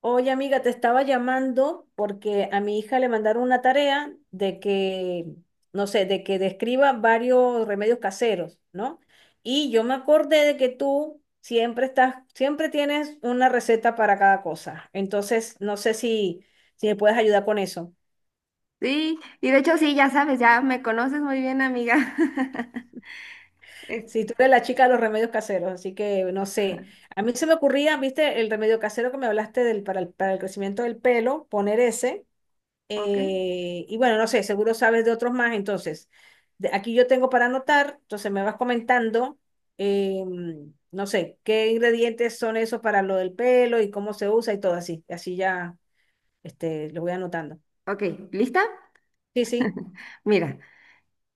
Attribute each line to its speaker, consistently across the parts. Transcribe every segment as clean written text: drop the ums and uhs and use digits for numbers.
Speaker 1: Oye, amiga, te estaba llamando porque a mi hija le mandaron una tarea de que, no sé, de que describa varios remedios caseros, ¿no? Y yo me acordé de que tú siempre estás, siempre tienes una receta para cada cosa. Entonces, no sé si, si me puedes ayudar con eso.
Speaker 2: Sí, y de hecho sí, ya sabes, ya me conoces muy bien, amiga. Es-
Speaker 1: Si tú eres la chica de los remedios caseros, así que no sé. A mí se me ocurría, viste, el remedio casero que me hablaste del, para el crecimiento del pelo, poner ese.
Speaker 2: ok,
Speaker 1: Y bueno, no sé, seguro sabes de otros más, entonces, aquí yo tengo para anotar, entonces me vas comentando, no sé, qué ingredientes son esos para lo del pelo y cómo se usa y todo así, así ya, lo voy anotando.
Speaker 2: ok, ¿lista?
Speaker 1: Sí, sí,
Speaker 2: Mira,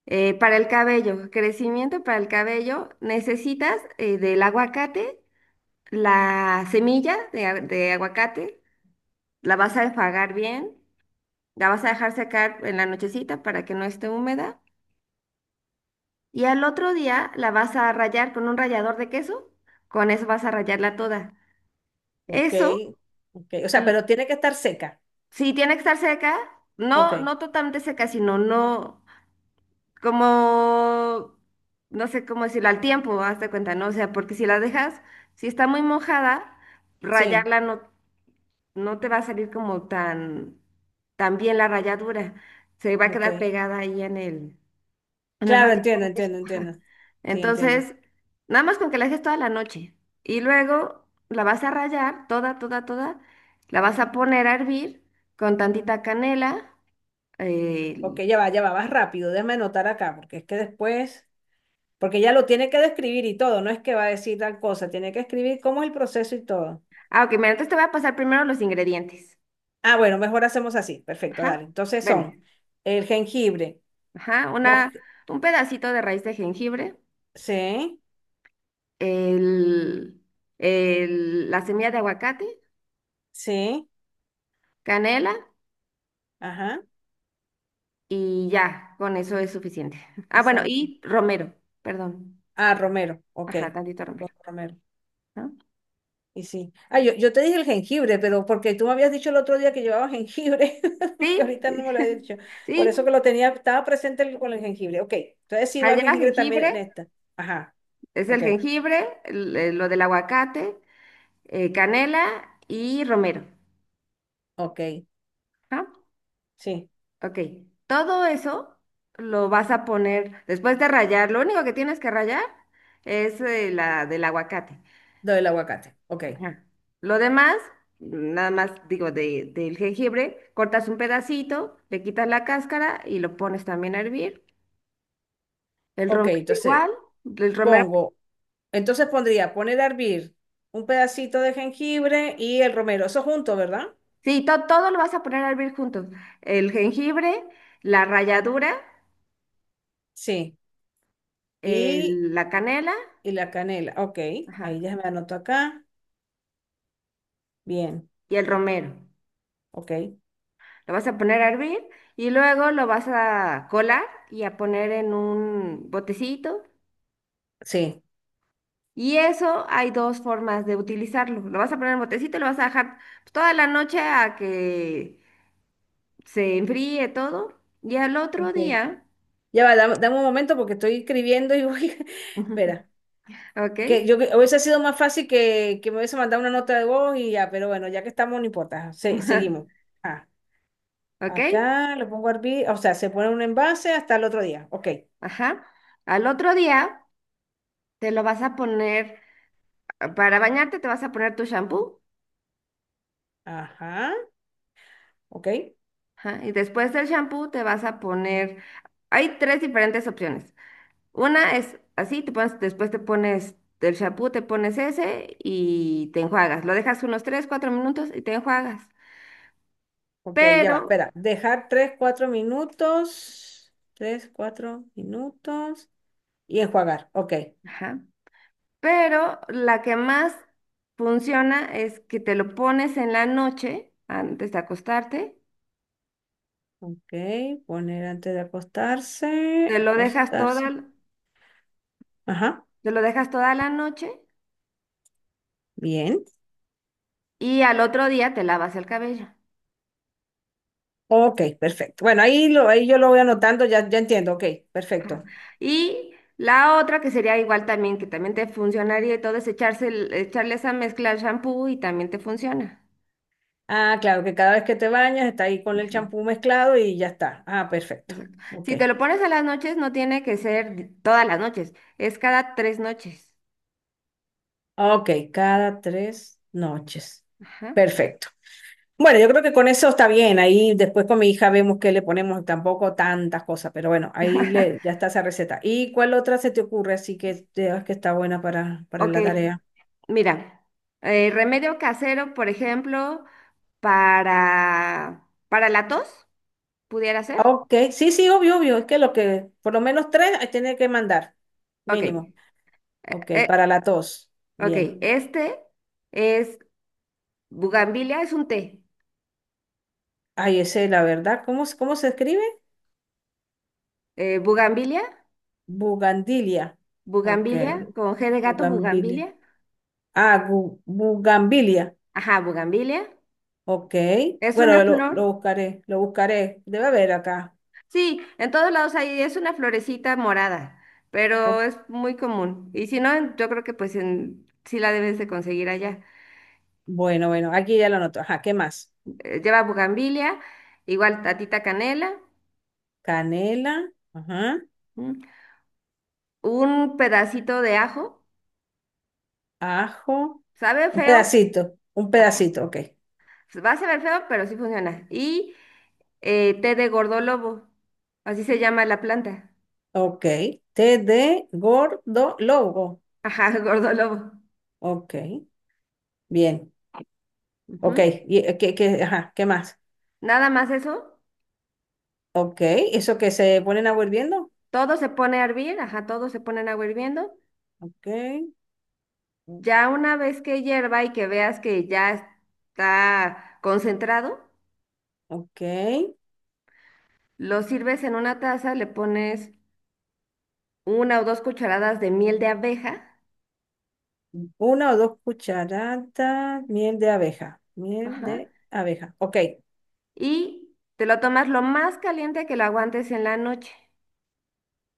Speaker 2: para el cabello, crecimiento para el cabello, necesitas del aguacate, la semilla de, de aguacate, la vas a enjuagar bien, la vas a dejar secar en la nochecita para que no esté húmeda, y al otro día la vas a rayar con un rallador de queso, con eso vas a rallarla toda.
Speaker 1: ok,
Speaker 2: Eso...
Speaker 1: ok, o sea, pero tiene que estar seca,
Speaker 2: Sí, tiene que estar seca.
Speaker 1: ok,
Speaker 2: No, no totalmente seca, sino no como, no sé cómo decirlo, al tiempo, hazte cuenta, ¿no? O sea, porque si la dejas, si está muy mojada,
Speaker 1: sí,
Speaker 2: rayarla no, no te va a salir como tan, tan bien la ralladura. Se va a
Speaker 1: ok,
Speaker 2: quedar pegada ahí en en el
Speaker 1: claro, entiendo,
Speaker 2: rallador
Speaker 1: entiendo,
Speaker 2: ajá.
Speaker 1: entiendo, sí, entiendo,
Speaker 2: Entonces, nada más con que la dejes toda la noche. Y luego la vas a rayar toda, toda, toda. La vas a poner a hervir con tantita canela
Speaker 1: ok,
Speaker 2: el-
Speaker 1: ya va, vas rápido, déjame anotar acá, porque es que después. Porque ella lo tiene que describir y todo, no es que va a decir tal cosa, tiene que escribir cómo es el proceso y todo.
Speaker 2: Ah, ok, mira, entonces te voy a pasar primero los ingredientes.
Speaker 1: Ah, bueno, mejor hacemos así. Perfecto,
Speaker 2: Ajá.
Speaker 1: dale. Entonces
Speaker 2: Bueno,
Speaker 1: son el jengibre.
Speaker 2: ajá,
Speaker 1: No,
Speaker 2: una, un pedacito de raíz de jengibre,
Speaker 1: sí,
Speaker 2: el, la semilla de aguacate,
Speaker 1: sí,
Speaker 2: canela
Speaker 1: ajá,
Speaker 2: y ya, con eso es suficiente. Ah, bueno,
Speaker 1: exacto.
Speaker 2: y romero, perdón.
Speaker 1: Ah, romero, ok.
Speaker 2: Ajá, tantito romero.
Speaker 1: Romero.
Speaker 2: ¿No?
Speaker 1: Y sí. Ah, yo te dije el jengibre, pero porque tú me habías dicho el otro día que llevaba jengibre,
Speaker 2: Sí,
Speaker 1: porque ahorita no me lo había dicho. Por eso que
Speaker 2: sí.
Speaker 1: lo tenía, estaba presente con el jengibre. Ok, entonces sí
Speaker 2: Ajá,
Speaker 1: va el
Speaker 2: Lleva
Speaker 1: jengibre también en
Speaker 2: jengibre,
Speaker 1: esta. Ajá,
Speaker 2: es el
Speaker 1: ok,
Speaker 2: jengibre, lo del aguacate, canela y romero.
Speaker 1: ok,
Speaker 2: ¿No?
Speaker 1: sí.
Speaker 2: Ok, todo eso lo vas a poner después de rallar. Lo único que tienes que rallar es la del aguacate.
Speaker 1: Lo del aguacate. Ok.
Speaker 2: Ajá. Lo demás, nada más digo del jengibre, cortas un pedacito, le quitas la cáscara y lo pones también a hervir. El
Speaker 1: Ok,
Speaker 2: romero
Speaker 1: entonces
Speaker 2: igual, el romero,
Speaker 1: pongo, entonces pondría poner a hervir un pedacito de jengibre y el romero. Eso junto, ¿verdad?
Speaker 2: sí, todo lo vas a poner a hervir juntos. El jengibre, la ralladura,
Speaker 1: Sí. Y,
Speaker 2: la canela,
Speaker 1: y la canela. Ok. Ahí
Speaker 2: ajá,
Speaker 1: ya me anoto acá. Bien.
Speaker 2: y el romero.
Speaker 1: Ok.
Speaker 2: Lo vas a poner a hervir y luego lo vas a colar y a poner en un botecito.
Speaker 1: Sí.
Speaker 2: Y eso hay dos formas de utilizarlo. Lo vas a poner en botecito y lo vas a dejar pues, toda la noche a que se enfríe todo. Y al otro
Speaker 1: Ok.
Speaker 2: día,
Speaker 1: Ya va, dame, dame un momento porque estoy escribiendo y voy.
Speaker 2: ¿ok?
Speaker 1: Espera. Que yo hubiese sido más fácil que me hubiese mandado una nota de voz y ya, pero bueno, ya que estamos, no importa. Seguimos. Ah.
Speaker 2: ¿Ok?
Speaker 1: Acá lo pongo a hervir, o sea, se pone un envase hasta el otro día. Ok.
Speaker 2: Ajá. Al otro día te lo vas a poner, para bañarte te vas a poner tu shampoo.
Speaker 1: Ajá. Ok.
Speaker 2: Ajá, y después del shampoo te vas a poner, hay tres diferentes opciones. Una es así, te pones, después te pones del champú, te pones ese y te enjuagas. Lo dejas unos 3 4 minutos y te enjuagas.
Speaker 1: Ok, ya va.
Speaker 2: Pero,
Speaker 1: Espera. Dejar 3 4 minutos. Tres 4 minutos. Y enjuagar. Ok.
Speaker 2: ajá, pero la que más funciona es que te lo pones en la noche, antes de acostarte,
Speaker 1: Ok. Poner antes de
Speaker 2: te
Speaker 1: acostarse.
Speaker 2: lo dejas toda,
Speaker 1: Acostarse.
Speaker 2: l-
Speaker 1: Ajá.
Speaker 2: te lo dejas toda la noche
Speaker 1: Bien.
Speaker 2: y al otro día te lavas el cabello.
Speaker 1: Ok, perfecto. Bueno, ahí, lo, ahí yo lo voy anotando, ya, ya entiendo. Ok,
Speaker 2: Ajá.
Speaker 1: perfecto.
Speaker 2: Y la otra que sería igual también, que también te funcionaría y todo, es echarse, echarle esa mezcla al shampoo y también te funciona.
Speaker 1: Ah, claro, que cada vez que te bañas está ahí con el
Speaker 2: Ajá,
Speaker 1: champú mezclado y ya está. Ah, perfecto.
Speaker 2: exacto.
Speaker 1: Ok.
Speaker 2: Si te lo pones a las noches, no tiene que ser todas las noches, es cada tres noches.
Speaker 1: Ok, cada tres noches.
Speaker 2: Ajá.
Speaker 1: Perfecto. Bueno, yo creo que con eso está bien. Ahí después con mi hija vemos qué le ponemos, tampoco tantas cosas, pero bueno, ahí le, ya está esa receta. ¿Y cuál otra se te ocurre así que veas que está buena para
Speaker 2: Ok,
Speaker 1: la tarea?
Speaker 2: mira, remedio casero, por ejemplo, para la tos, pudiera ser.
Speaker 1: Ok, sí, sí, obvio, obvio. Es que lo que, por lo menos tres, ahí tiene que mandar,
Speaker 2: Ok,
Speaker 1: mínimo. Ok,
Speaker 2: eh,
Speaker 1: para la tos.
Speaker 2: ok,
Speaker 1: Bien.
Speaker 2: este es bugambilia, es un té.
Speaker 1: Ay, ese, la verdad, ¿cómo, cómo se escribe?
Speaker 2: Bugambilia,
Speaker 1: Bugandilia. Ok,
Speaker 2: bugambilia, con G de gato,
Speaker 1: bugambilia.
Speaker 2: bugambilia.
Speaker 1: Ah, bugambilia.
Speaker 2: Ajá, bugambilia.
Speaker 1: Ok,
Speaker 2: Es una
Speaker 1: bueno,
Speaker 2: flor.
Speaker 1: lo buscaré, lo buscaré. Debe haber acá.
Speaker 2: Sí, en todos lados hay, es una florecita morada, pero
Speaker 1: O-
Speaker 2: es muy común. Y si no, yo creo que pues en, sí la debes de conseguir allá.
Speaker 1: bueno, bueno, aquí ya lo anoto. Ajá, ¿qué más?
Speaker 2: Lleva bugambilia, igual tatita canela,
Speaker 1: Canela, ajá,
Speaker 2: ¿m? Un pedacito de ajo,
Speaker 1: ajo,
Speaker 2: sabe feo,
Speaker 1: un
Speaker 2: ajá,
Speaker 1: pedacito, ok.
Speaker 2: va a saber feo, pero sí funciona. Y té de gordolobo, así se llama la planta.
Speaker 1: Ok, té de gordo lobo.
Speaker 2: Ajá, gordolobo.
Speaker 1: Ok, bien.
Speaker 2: Ujú.
Speaker 1: Ok, y, ¿qué, ajá, ¿qué más?
Speaker 2: Nada más eso,
Speaker 1: Ok, eso que se ponen a hirviendo.
Speaker 2: todo se pone a hervir, ajá, todo se pone en agua hirviendo.
Speaker 1: Ok,
Speaker 2: Ya una vez que hierva y que veas que ya está concentrado,
Speaker 1: ok.
Speaker 2: lo sirves en una taza, le pones una o dos cucharadas de miel de abeja,
Speaker 1: Una o dos cucharadas, miel de abeja, miel
Speaker 2: ajá,
Speaker 1: de abeja. Ok,
Speaker 2: y te lo tomas lo más caliente que lo aguantes en la noche.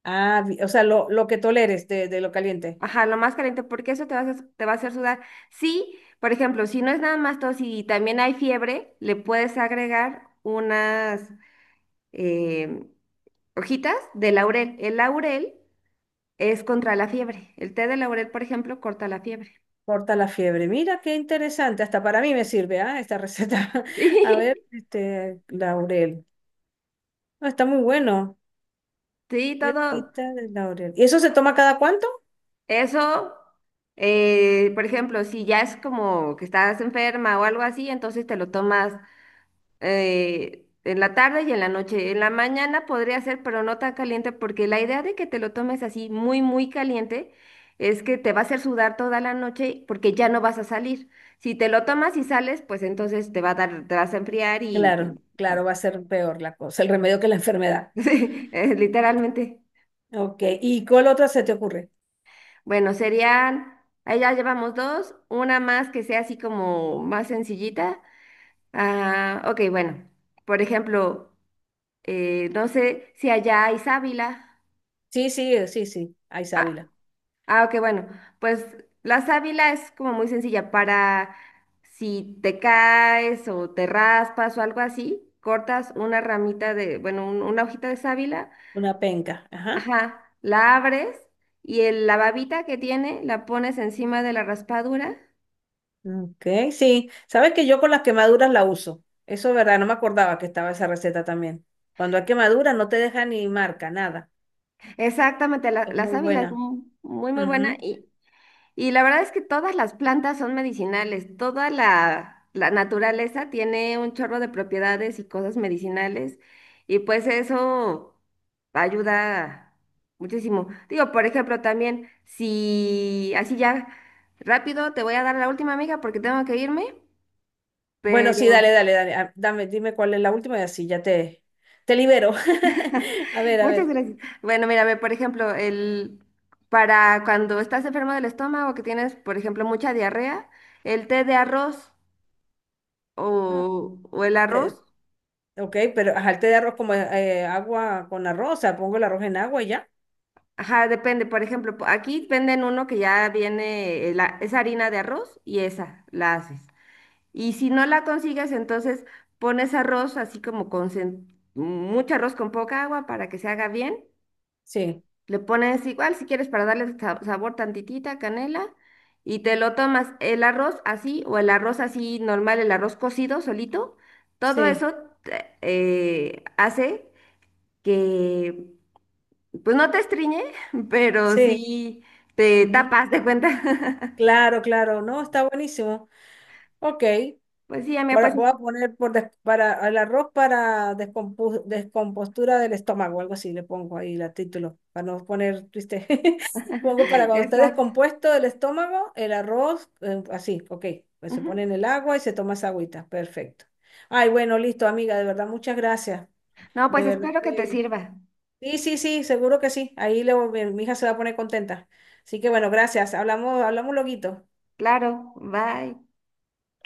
Speaker 1: ah, o sea, lo que toleres de lo caliente.
Speaker 2: Ajá, lo más caliente, porque eso te va a hacer, te va a hacer sudar. Sí, por ejemplo, si no es nada más tos y también hay fiebre, le puedes agregar unas eh, hojitas de laurel. El laurel es contra la fiebre. El té de laurel, por ejemplo, corta la fiebre.
Speaker 1: Corta la fiebre. Mira qué interesante. Hasta para mí me sirve, ah, esta receta.
Speaker 2: Sí,
Speaker 1: A ver, este, laurel. Ah, está muy bueno.
Speaker 2: sí, todo
Speaker 1: Hierbita de laurel. ¿Y eso se toma cada cuánto?
Speaker 2: eso. Por ejemplo, si ya es como que estás enferma o algo así, entonces te lo tomas en la tarde y en la noche. En la mañana podría ser, pero no tan caliente, porque la idea de que te lo tomes así muy, muy caliente es que te va a hacer sudar toda la noche porque ya no vas a salir. Si te lo tomas y sales, pues entonces te va a dar, te vas a enfriar y
Speaker 1: Claro,
Speaker 2: ajá.
Speaker 1: claro, va a ser peor la cosa, el remedio que la enfermedad.
Speaker 2: Sí, literalmente.
Speaker 1: Ok. ¿Y cuál otra se te ocurre?
Speaker 2: Bueno, serían, ahí ya llevamos dos, una más que sea así como más sencillita. Ah, ok, bueno, por ejemplo, no sé si allá hay sábila.
Speaker 1: Sí, sí, sí, sí. Hay
Speaker 2: Ah,
Speaker 1: sábila.
Speaker 2: ah, ok, bueno, pues la sábila es como muy sencilla para si te caes o te raspas o algo así, cortas una ramita de, bueno, una hojita de sábila,
Speaker 1: Una penca. Ajá.
Speaker 2: ajá, la abres y la babita que tiene la pones encima de la raspadura.
Speaker 1: Ok, sí. Sabes que yo con las quemaduras la uso. Eso es verdad, no me acordaba que estaba esa receta también. Cuando hay quemadura no te deja ni marca, nada.
Speaker 2: Exactamente,
Speaker 1: Es
Speaker 2: la
Speaker 1: muy
Speaker 2: sábila es
Speaker 1: buena.
Speaker 2: muy, muy buena
Speaker 1: Ujú.
Speaker 2: y la verdad es que todas las plantas son medicinales, toda la naturaleza tiene un chorro de propiedades y cosas medicinales y pues eso ayuda muchísimo. Digo, por ejemplo, también si así ya rápido te voy a dar la última amiga porque tengo que irme,
Speaker 1: Bueno, sí, dale,
Speaker 2: pero...
Speaker 1: dale, dale. Ah, dame, dime cuál es la última y así ya te libero. A ver, a
Speaker 2: Muchas
Speaker 1: ver.
Speaker 2: gracias. Bueno, mira, ve, por ejemplo, el, para cuando estás enfermo del estómago, que tienes, por ejemplo, mucha diarrea, el té de arroz
Speaker 1: Ah,
Speaker 2: o el
Speaker 1: te-
Speaker 2: arroz,
Speaker 1: ok, pero ajá, el té de arroz como agua con arroz, o sea, pongo el arroz en agua y ya.
Speaker 2: ajá, depende. Por ejemplo, aquí venden uno que ya viene, la, es harina de arroz y esa la haces. Y si no la consigues, entonces pones arroz así como con mucho arroz con poca agua para que se haga bien.
Speaker 1: Sí,
Speaker 2: Le pones igual, si quieres, para darle sabor tantitita, canela, y te lo tomas el arroz así, o el arroz así normal, el arroz cocido solito. Todo
Speaker 1: sí,
Speaker 2: eso hace que, pues no te estriñe, pero
Speaker 1: sí.
Speaker 2: sí te
Speaker 1: Ujú.
Speaker 2: tapas de cuenta.
Speaker 1: Claro, claro. No, está buenísimo. Ok,
Speaker 2: Pues sí, amiga, pues
Speaker 1: Voy a poner por para el arroz para descompostura del estómago, algo así le pongo ahí el título, para no poner triste. Pongo para cuando está
Speaker 2: exacto.
Speaker 1: descompuesto el estómago, el arroz, así, ok. Pues se
Speaker 2: Ujú.
Speaker 1: pone en el agua y se toma esa agüita, perfecto. Ay, bueno, listo, amiga, de verdad, muchas gracias.
Speaker 2: No,
Speaker 1: De
Speaker 2: pues
Speaker 1: verdad
Speaker 2: espero que te
Speaker 1: que.
Speaker 2: sirva.
Speaker 1: Sí, sí, sí, seguro que sí. Ahí luego mi mi hija se va a poner contenta. Así que bueno, gracias. Hablamos, hablamos loguito.
Speaker 2: Claro, bye.